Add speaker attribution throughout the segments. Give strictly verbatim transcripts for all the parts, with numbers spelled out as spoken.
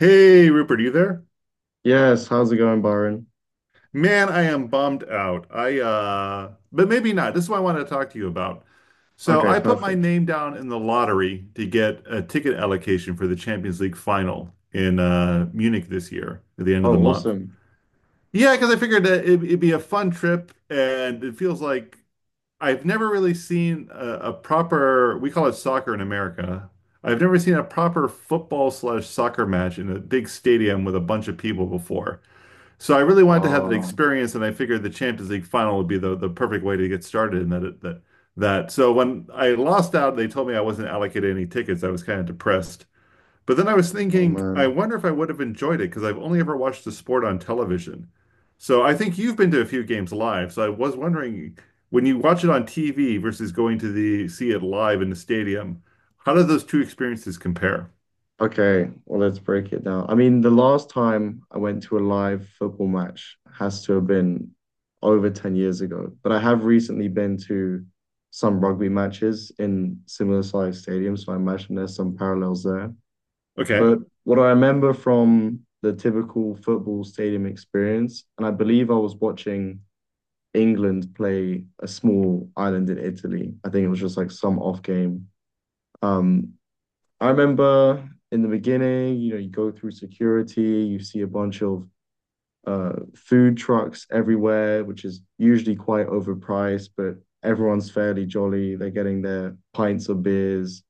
Speaker 1: Hey Rupert, are you there?
Speaker 2: Yes, how's it going, Byron?
Speaker 1: Man, I am bummed out. I uh but maybe not. This is what I want to talk to you about. So
Speaker 2: Okay,
Speaker 1: I put my
Speaker 2: perfect.
Speaker 1: name down in the lottery to get a ticket allocation for the Champions League final in uh Munich this year at the end of
Speaker 2: Oh,
Speaker 1: the month.
Speaker 2: awesome.
Speaker 1: Yeah, because I figured that it, it'd be a fun trip and it feels like I've never really seen a, a proper, we call it soccer in America. I've never seen a proper football slash soccer match in a big stadium with a bunch of people before. So I really wanted to have that
Speaker 2: Oh,
Speaker 1: experience, and I figured the Champions League final would be the, the perfect way to get started in that it, that that. So when I lost out, they told me I wasn't allocated any tickets. I was kind of depressed. But then I was
Speaker 2: oh
Speaker 1: thinking, I
Speaker 2: man.
Speaker 1: wonder if I would have enjoyed it because I've only ever watched the sport on television. So I think you've been to a few games live. So I was wondering, when you watch it on T V versus going to the see it live in the stadium, how do those two experiences compare?
Speaker 2: Okay, well, let's break it down. I mean, the last time I went to a live football match has to have been over ten years ago, but I have recently been to some rugby matches in similar sized stadiums, so I imagine there's some parallels there.
Speaker 1: Okay.
Speaker 2: But what I remember from the typical football stadium experience, and I believe I was watching. England play a small island in Italy. I think it was just like some off game. Um, I remember in the beginning, you know, you go through security, you see a bunch of uh, food trucks everywhere, which is usually quite overpriced, but everyone's fairly jolly. They're getting their pints of beers.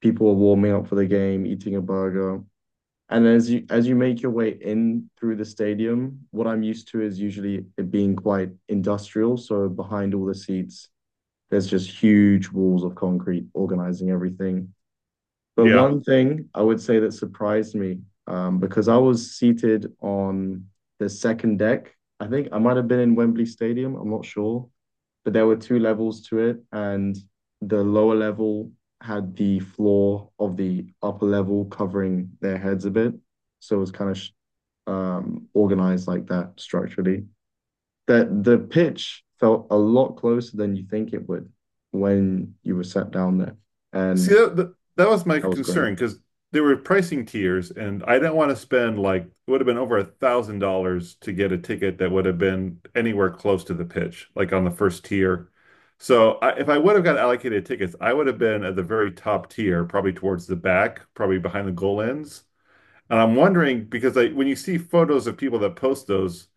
Speaker 2: People are warming up for the game, eating a burger. And as you as you make your way in through the stadium, what I'm used to is usually it being quite industrial. So behind all the seats, there's just huge walls of concrete organizing everything. But
Speaker 1: Yeah.
Speaker 2: one thing I would say that surprised me, um, because I was seated on the second deck. I think I might have been in Wembley Stadium. I'm not sure, but there were two levels to it, and the lower level had the floor of the upper level covering their heads a bit. So it was kind of um, organized like that structurally. That the pitch felt a lot closer than you think it would when you were sat down there,
Speaker 1: See,
Speaker 2: and
Speaker 1: that, that, that was my
Speaker 2: that was great.
Speaker 1: concern because there were pricing tiers, and I didn't want to spend like it would have been over a thousand dollars to get a ticket that would have been anywhere close to the pitch, like on the first tier. So I, if I would have got allocated tickets, I would have been at the very top tier, probably towards the back, probably behind the goal ends. And I'm wondering because I, when you see photos of people that post those,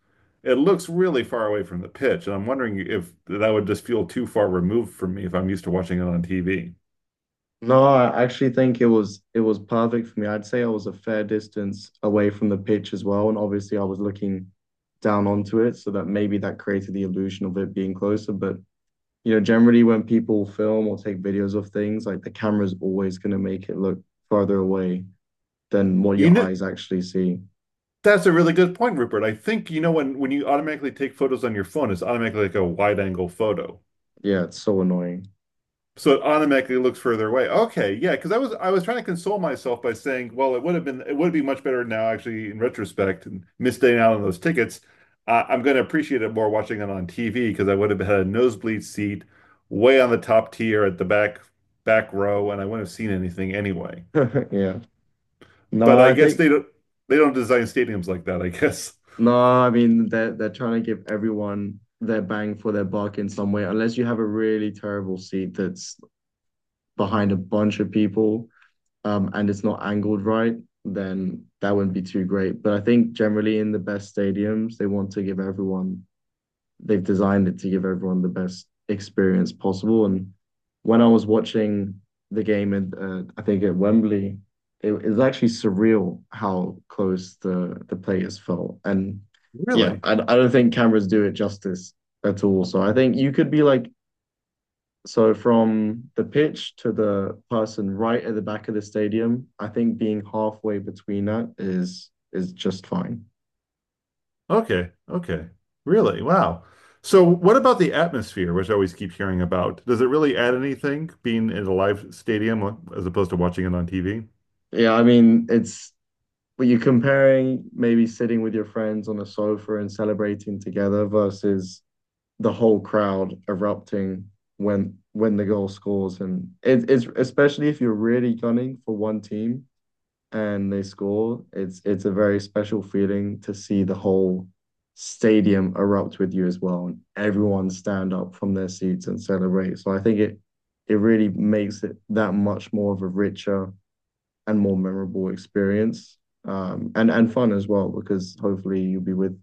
Speaker 1: it looks really far away from the pitch, and I'm wondering if that would just feel too far removed from me if I'm used to watching it on T V.
Speaker 2: No, I actually think it was it was perfect for me. I'd say I was a fair distance away from the pitch as well, and obviously I was looking down onto it, so that maybe that created the illusion of it being closer. But you know, generally when people film or take videos of things, like the camera's always going to make it look farther away than what
Speaker 1: You
Speaker 2: your
Speaker 1: know,
Speaker 2: eyes actually see.
Speaker 1: that's a really good point, Rupert. I think, you know, when when you automatically take photos on your phone, it's automatically like a wide angle photo.
Speaker 2: Yeah, it's so annoying.
Speaker 1: So it automatically looks further away. Okay, yeah, because I was I was trying to console myself by saying, well, it would have been it would be much better now, actually, in retrospect, and missing out on those tickets. Uh, I'm going to appreciate it more watching it on T V because I would have had a nosebleed seat way on the top tier at the back back row, and I wouldn't have seen anything anyway.
Speaker 2: Yeah.
Speaker 1: But
Speaker 2: No,
Speaker 1: I
Speaker 2: I
Speaker 1: guess
Speaker 2: think
Speaker 1: they don't they don't design stadiums like that, I guess.
Speaker 2: no, I mean they're they're trying to give everyone their bang for their buck in some way, unless you have a really terrible seat that's behind a bunch of people um, and it's not angled right, then that wouldn't be too great. But I think generally in the best stadiums, they want to give everyone, they've designed it to give everyone the best experience possible. And when I was watching the game, in, uh, I think at Wembley, it, it was actually surreal how close the, the players felt. And yeah,
Speaker 1: Really?
Speaker 2: I, I don't think cameras do it justice at all. So I think you could be like so from the pitch to the person right at the back of the stadium, I think being halfway between that is is just fine.
Speaker 1: Okay. Okay. Really? Wow. So what about the atmosphere, which I always keep hearing about? Does it really add anything being in a live stadium uh, as opposed to watching it on T V?
Speaker 2: Yeah, I mean it's but you're comparing maybe sitting with your friends on a sofa and celebrating together versus the whole crowd erupting when when the goal scores and it, it's especially if you're really gunning for one team and they score, it's it's a very special feeling to see the whole stadium erupt with you as well, and everyone stand up from their seats and celebrate. So I think it it really makes it that much more of a richer and more memorable experience, um, and and fun as well because hopefully you'll be with.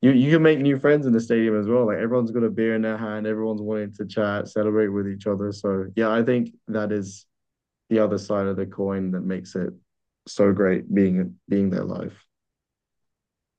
Speaker 2: You, you can make new friends in the stadium as well. Like everyone's got a beer in their hand, everyone's wanting to chat, celebrate with each other. So yeah, I think that is the other side of the coin that makes it so great being being their life.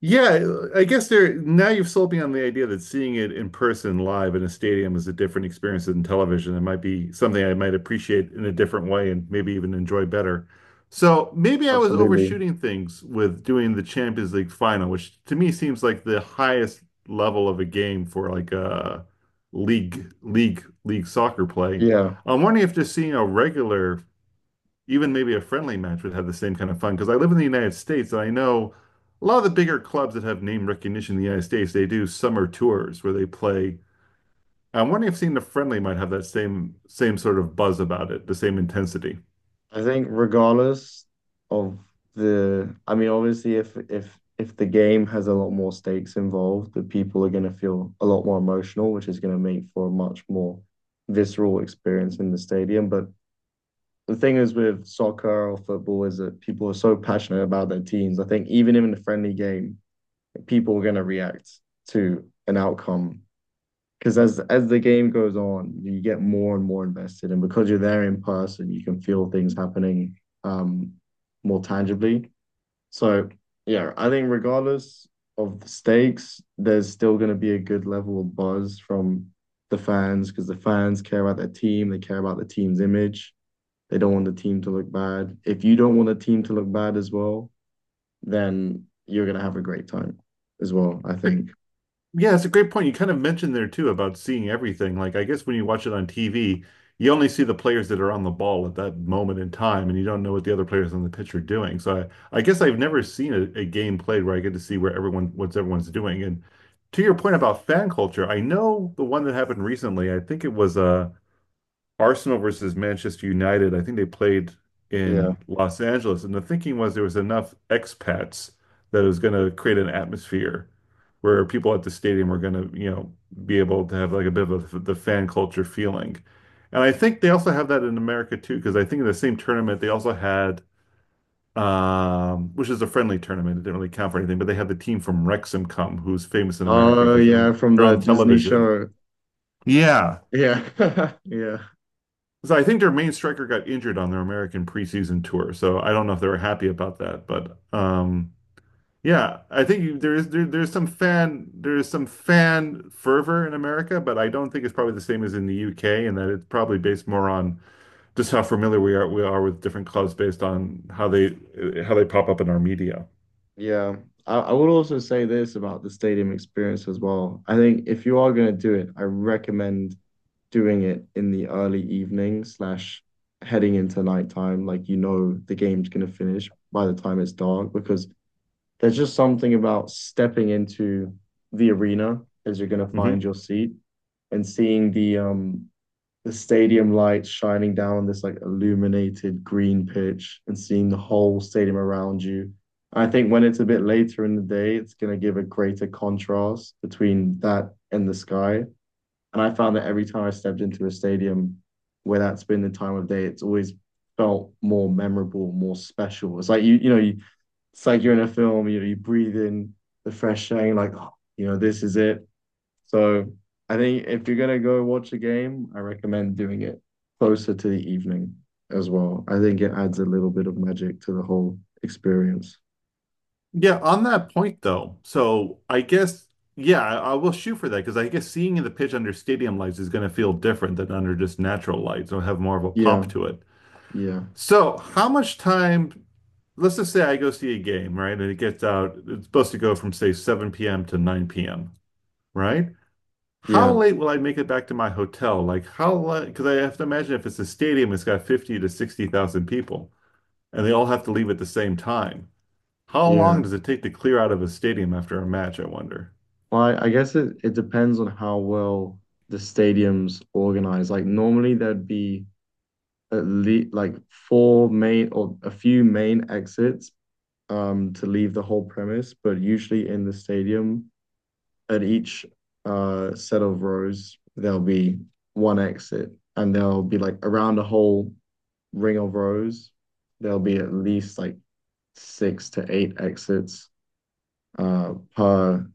Speaker 1: Yeah, I guess there now you've sold me on the idea that seeing it in person live in a stadium is a different experience than television. It might be something I might appreciate in a different way and maybe even enjoy better. So maybe I was
Speaker 2: Absolutely.
Speaker 1: overshooting things with doing the Champions League final, which to me seems like the highest level of a game for like a league league league soccer play.
Speaker 2: Yeah.
Speaker 1: I'm wondering if just seeing a regular even maybe a friendly match would have the same kind of fun. Because I live in the United States and I know a lot of the bigger clubs that have name recognition in the United States, they do summer tours where they play. I'm wondering if seeing the friendly might have that same same sort of buzz about it, the same intensity.
Speaker 2: I think regardless of the I mean obviously if if if the game has a lot more stakes involved, the people are going to feel a lot more emotional, which is going to make for a much more visceral experience in the stadium. But the thing is with soccer or football is that people are so passionate about their teams. I think even in a friendly game, people are going to react to an outcome because as as the game goes on, you get more and more invested, and because you're there in person, you can feel things happening um more tangibly. So yeah, I think regardless of the stakes, there's still going to be a good level of buzz from the fans because the fans care about their team, they care about the team's image. They don't want the team to look bad. If you don't want the team to look bad as well, then you're going to have a great time as well, I
Speaker 1: It's a
Speaker 2: think.
Speaker 1: Yeah, it's a great point. You kind of mentioned there too about seeing everything. Like, I guess when you watch it on T V, you only see the players that are on the ball at that moment in time, and you don't know what the other players on the pitch are doing. So I, I guess I've never seen a, a game played where I get to see where everyone, what's everyone's doing. And to your point about fan culture, I know the one that happened recently. I think it was uh, Arsenal versus Manchester United. I think they played
Speaker 2: Yeah.
Speaker 1: in Los Angeles, and the thinking was there was enough expats that it was going to create an atmosphere where people at the stadium were going to, you know, be able to have like a bit of a, the fan culture feeling. And I think they also have that in America too, because I think in the same tournament they also had, um, which is a friendly tournament. It didn't really count for anything, but they had the team from Wrexham come, who's famous in America
Speaker 2: Oh,
Speaker 1: because they're
Speaker 2: yeah,
Speaker 1: on
Speaker 2: from
Speaker 1: they're
Speaker 2: the
Speaker 1: on
Speaker 2: Disney
Speaker 1: television.
Speaker 2: show.
Speaker 1: Yeah.
Speaker 2: Yeah. Yeah.
Speaker 1: So I think their main striker got injured on their American preseason tour, so I don't know if they were happy about that, but um yeah, I think you, there is there, there's some fan there's some fan fervor in America, but I don't think it's probably the same as in the U K, and that it's probably based more on just how familiar we are we are with different clubs based on how they uh, how they pop up in our media.
Speaker 2: Yeah. I, I would also say this about the stadium experience as well. I think if you are going to do it, I recommend doing it in the early evening slash heading into nighttime. Like, you know, the game's going to finish by the time it's dark because there's just something about stepping into the arena as you're going to find
Speaker 1: hmm
Speaker 2: your seat and seeing the um the stadium lights shining down on this like illuminated green pitch and seeing the whole stadium around you. I think when it's a bit later in the day, it's going to give a greater contrast between that and the sky. And I found that every time I stepped into a stadium where that's been the time of day, it's always felt more memorable, more special. It's like you, you know, you, it's like you're in a film. You know, you breathe in the fresh air, and like, oh, you know, this is it. So I think if you're gonna go watch a game, I recommend doing it closer to the evening as well. I think it adds a little bit of magic to the whole experience.
Speaker 1: Yeah, on that point though, so I guess yeah, I, I will shoot for that because I guess seeing the pitch under stadium lights is going to feel different than under just natural lights. It'll have more of a
Speaker 2: Yeah,
Speaker 1: pop to it.
Speaker 2: yeah,
Speaker 1: So, how much time? Let's just say I go see a game, right? And it gets out. It's supposed to go from say seven p m to nine p m, right? How
Speaker 2: yeah,
Speaker 1: late will I make it back to my hotel? Like how late? Because I have to imagine if it's a stadium, it's got fifty to sixty thousand people, and they all have to leave at the same time. How long
Speaker 2: yeah.
Speaker 1: does it take to clear out of a stadium after a match, I wonder?
Speaker 2: Well, I, I guess it, it depends on how well the stadium's organized. Like normally there'd be at least like four main or a few main exits um to leave the whole premise, but usually in the stadium at each uh, set of rows, there'll be one exit, and there'll be like around the whole ring of rows, there'll be at least like six to eight exits uh, per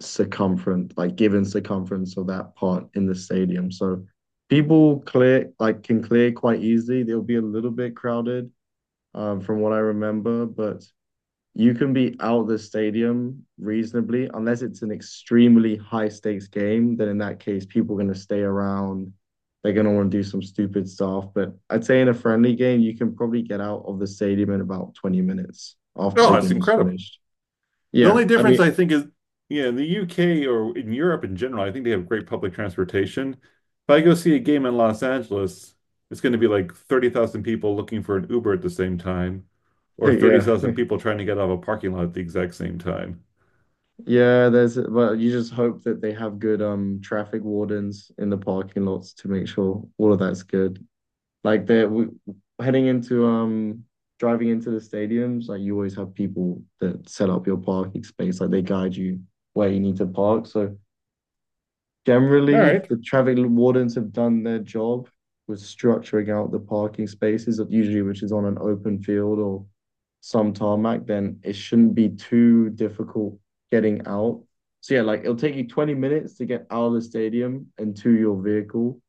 Speaker 2: circumference, like given circumference of that part in the stadium. So people clear like can clear quite easily. They'll be a little bit crowded um, from what I remember, but you can be out of the stadium reasonably, unless it's an extremely high stakes game. Then in that case, people are going to stay around. They're going to want to do some stupid stuff. But I'd say in a friendly game, you can probably get out of the stadium in about twenty minutes after
Speaker 1: Oh,
Speaker 2: the
Speaker 1: it's
Speaker 2: game is
Speaker 1: incredible.
Speaker 2: finished.
Speaker 1: The
Speaker 2: Yeah.
Speaker 1: only
Speaker 2: I mean,
Speaker 1: difference I think is, yeah, in the U K or in Europe in general, I think they have great public transportation. If I go see a game in Los Angeles, it's going to be like thirty thousand people looking for an Uber at the same time, or
Speaker 2: yeah.
Speaker 1: thirty thousand people trying to get out of a parking lot at the exact same time.
Speaker 2: Yeah, there's but you just hope that they have good um traffic wardens in the parking lots to make sure all of that's good. Like that we heading into um driving into the stadiums, like you always have people that set up your parking space, like they guide you where you need to park. So
Speaker 1: All
Speaker 2: generally, if
Speaker 1: right.
Speaker 2: the traffic wardens have done their job with structuring out the parking spaces, usually which is on an open field or some tarmac, then it shouldn't be too difficult getting out. So yeah, like it'll take you twenty minutes to get out of the stadium and to your vehicle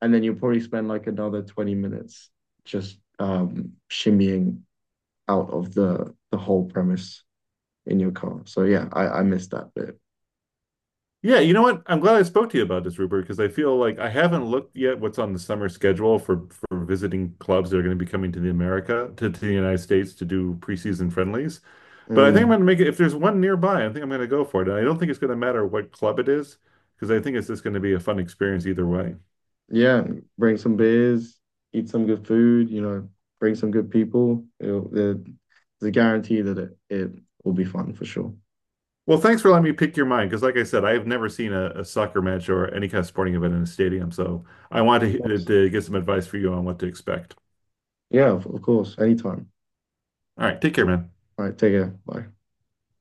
Speaker 2: and then you will probably spend like another twenty minutes just um, shimmying out of the the whole premise in your car. So yeah, I I missed that bit.
Speaker 1: Yeah, you know what? I'm glad I spoke to you about this, Rupert, because I feel like I haven't looked yet what's on the summer schedule for for visiting clubs that are going to be coming to the America to, to the United States to do preseason friendlies. But I think I'm
Speaker 2: Mm.
Speaker 1: going to make it if there's one nearby, I think I'm going to go for it. And I don't think it's going to matter what club it is because I think it's just going to be a fun experience either way.
Speaker 2: Yeah, bring some beers, eat some good food. You know, bring some good people. It'll, there's a guarantee that it it will be fun for sure.
Speaker 1: Well, thanks for letting me pick your mind because, like I said, I have never seen a, a soccer match or any kind of sporting event in a stadium, so I
Speaker 2: Of
Speaker 1: wanted to,
Speaker 2: course.
Speaker 1: to get some advice for you on what to expect.
Speaker 2: Yeah, of, of course. Anytime.
Speaker 1: All right, take care, man.
Speaker 2: All right, take care. Bye.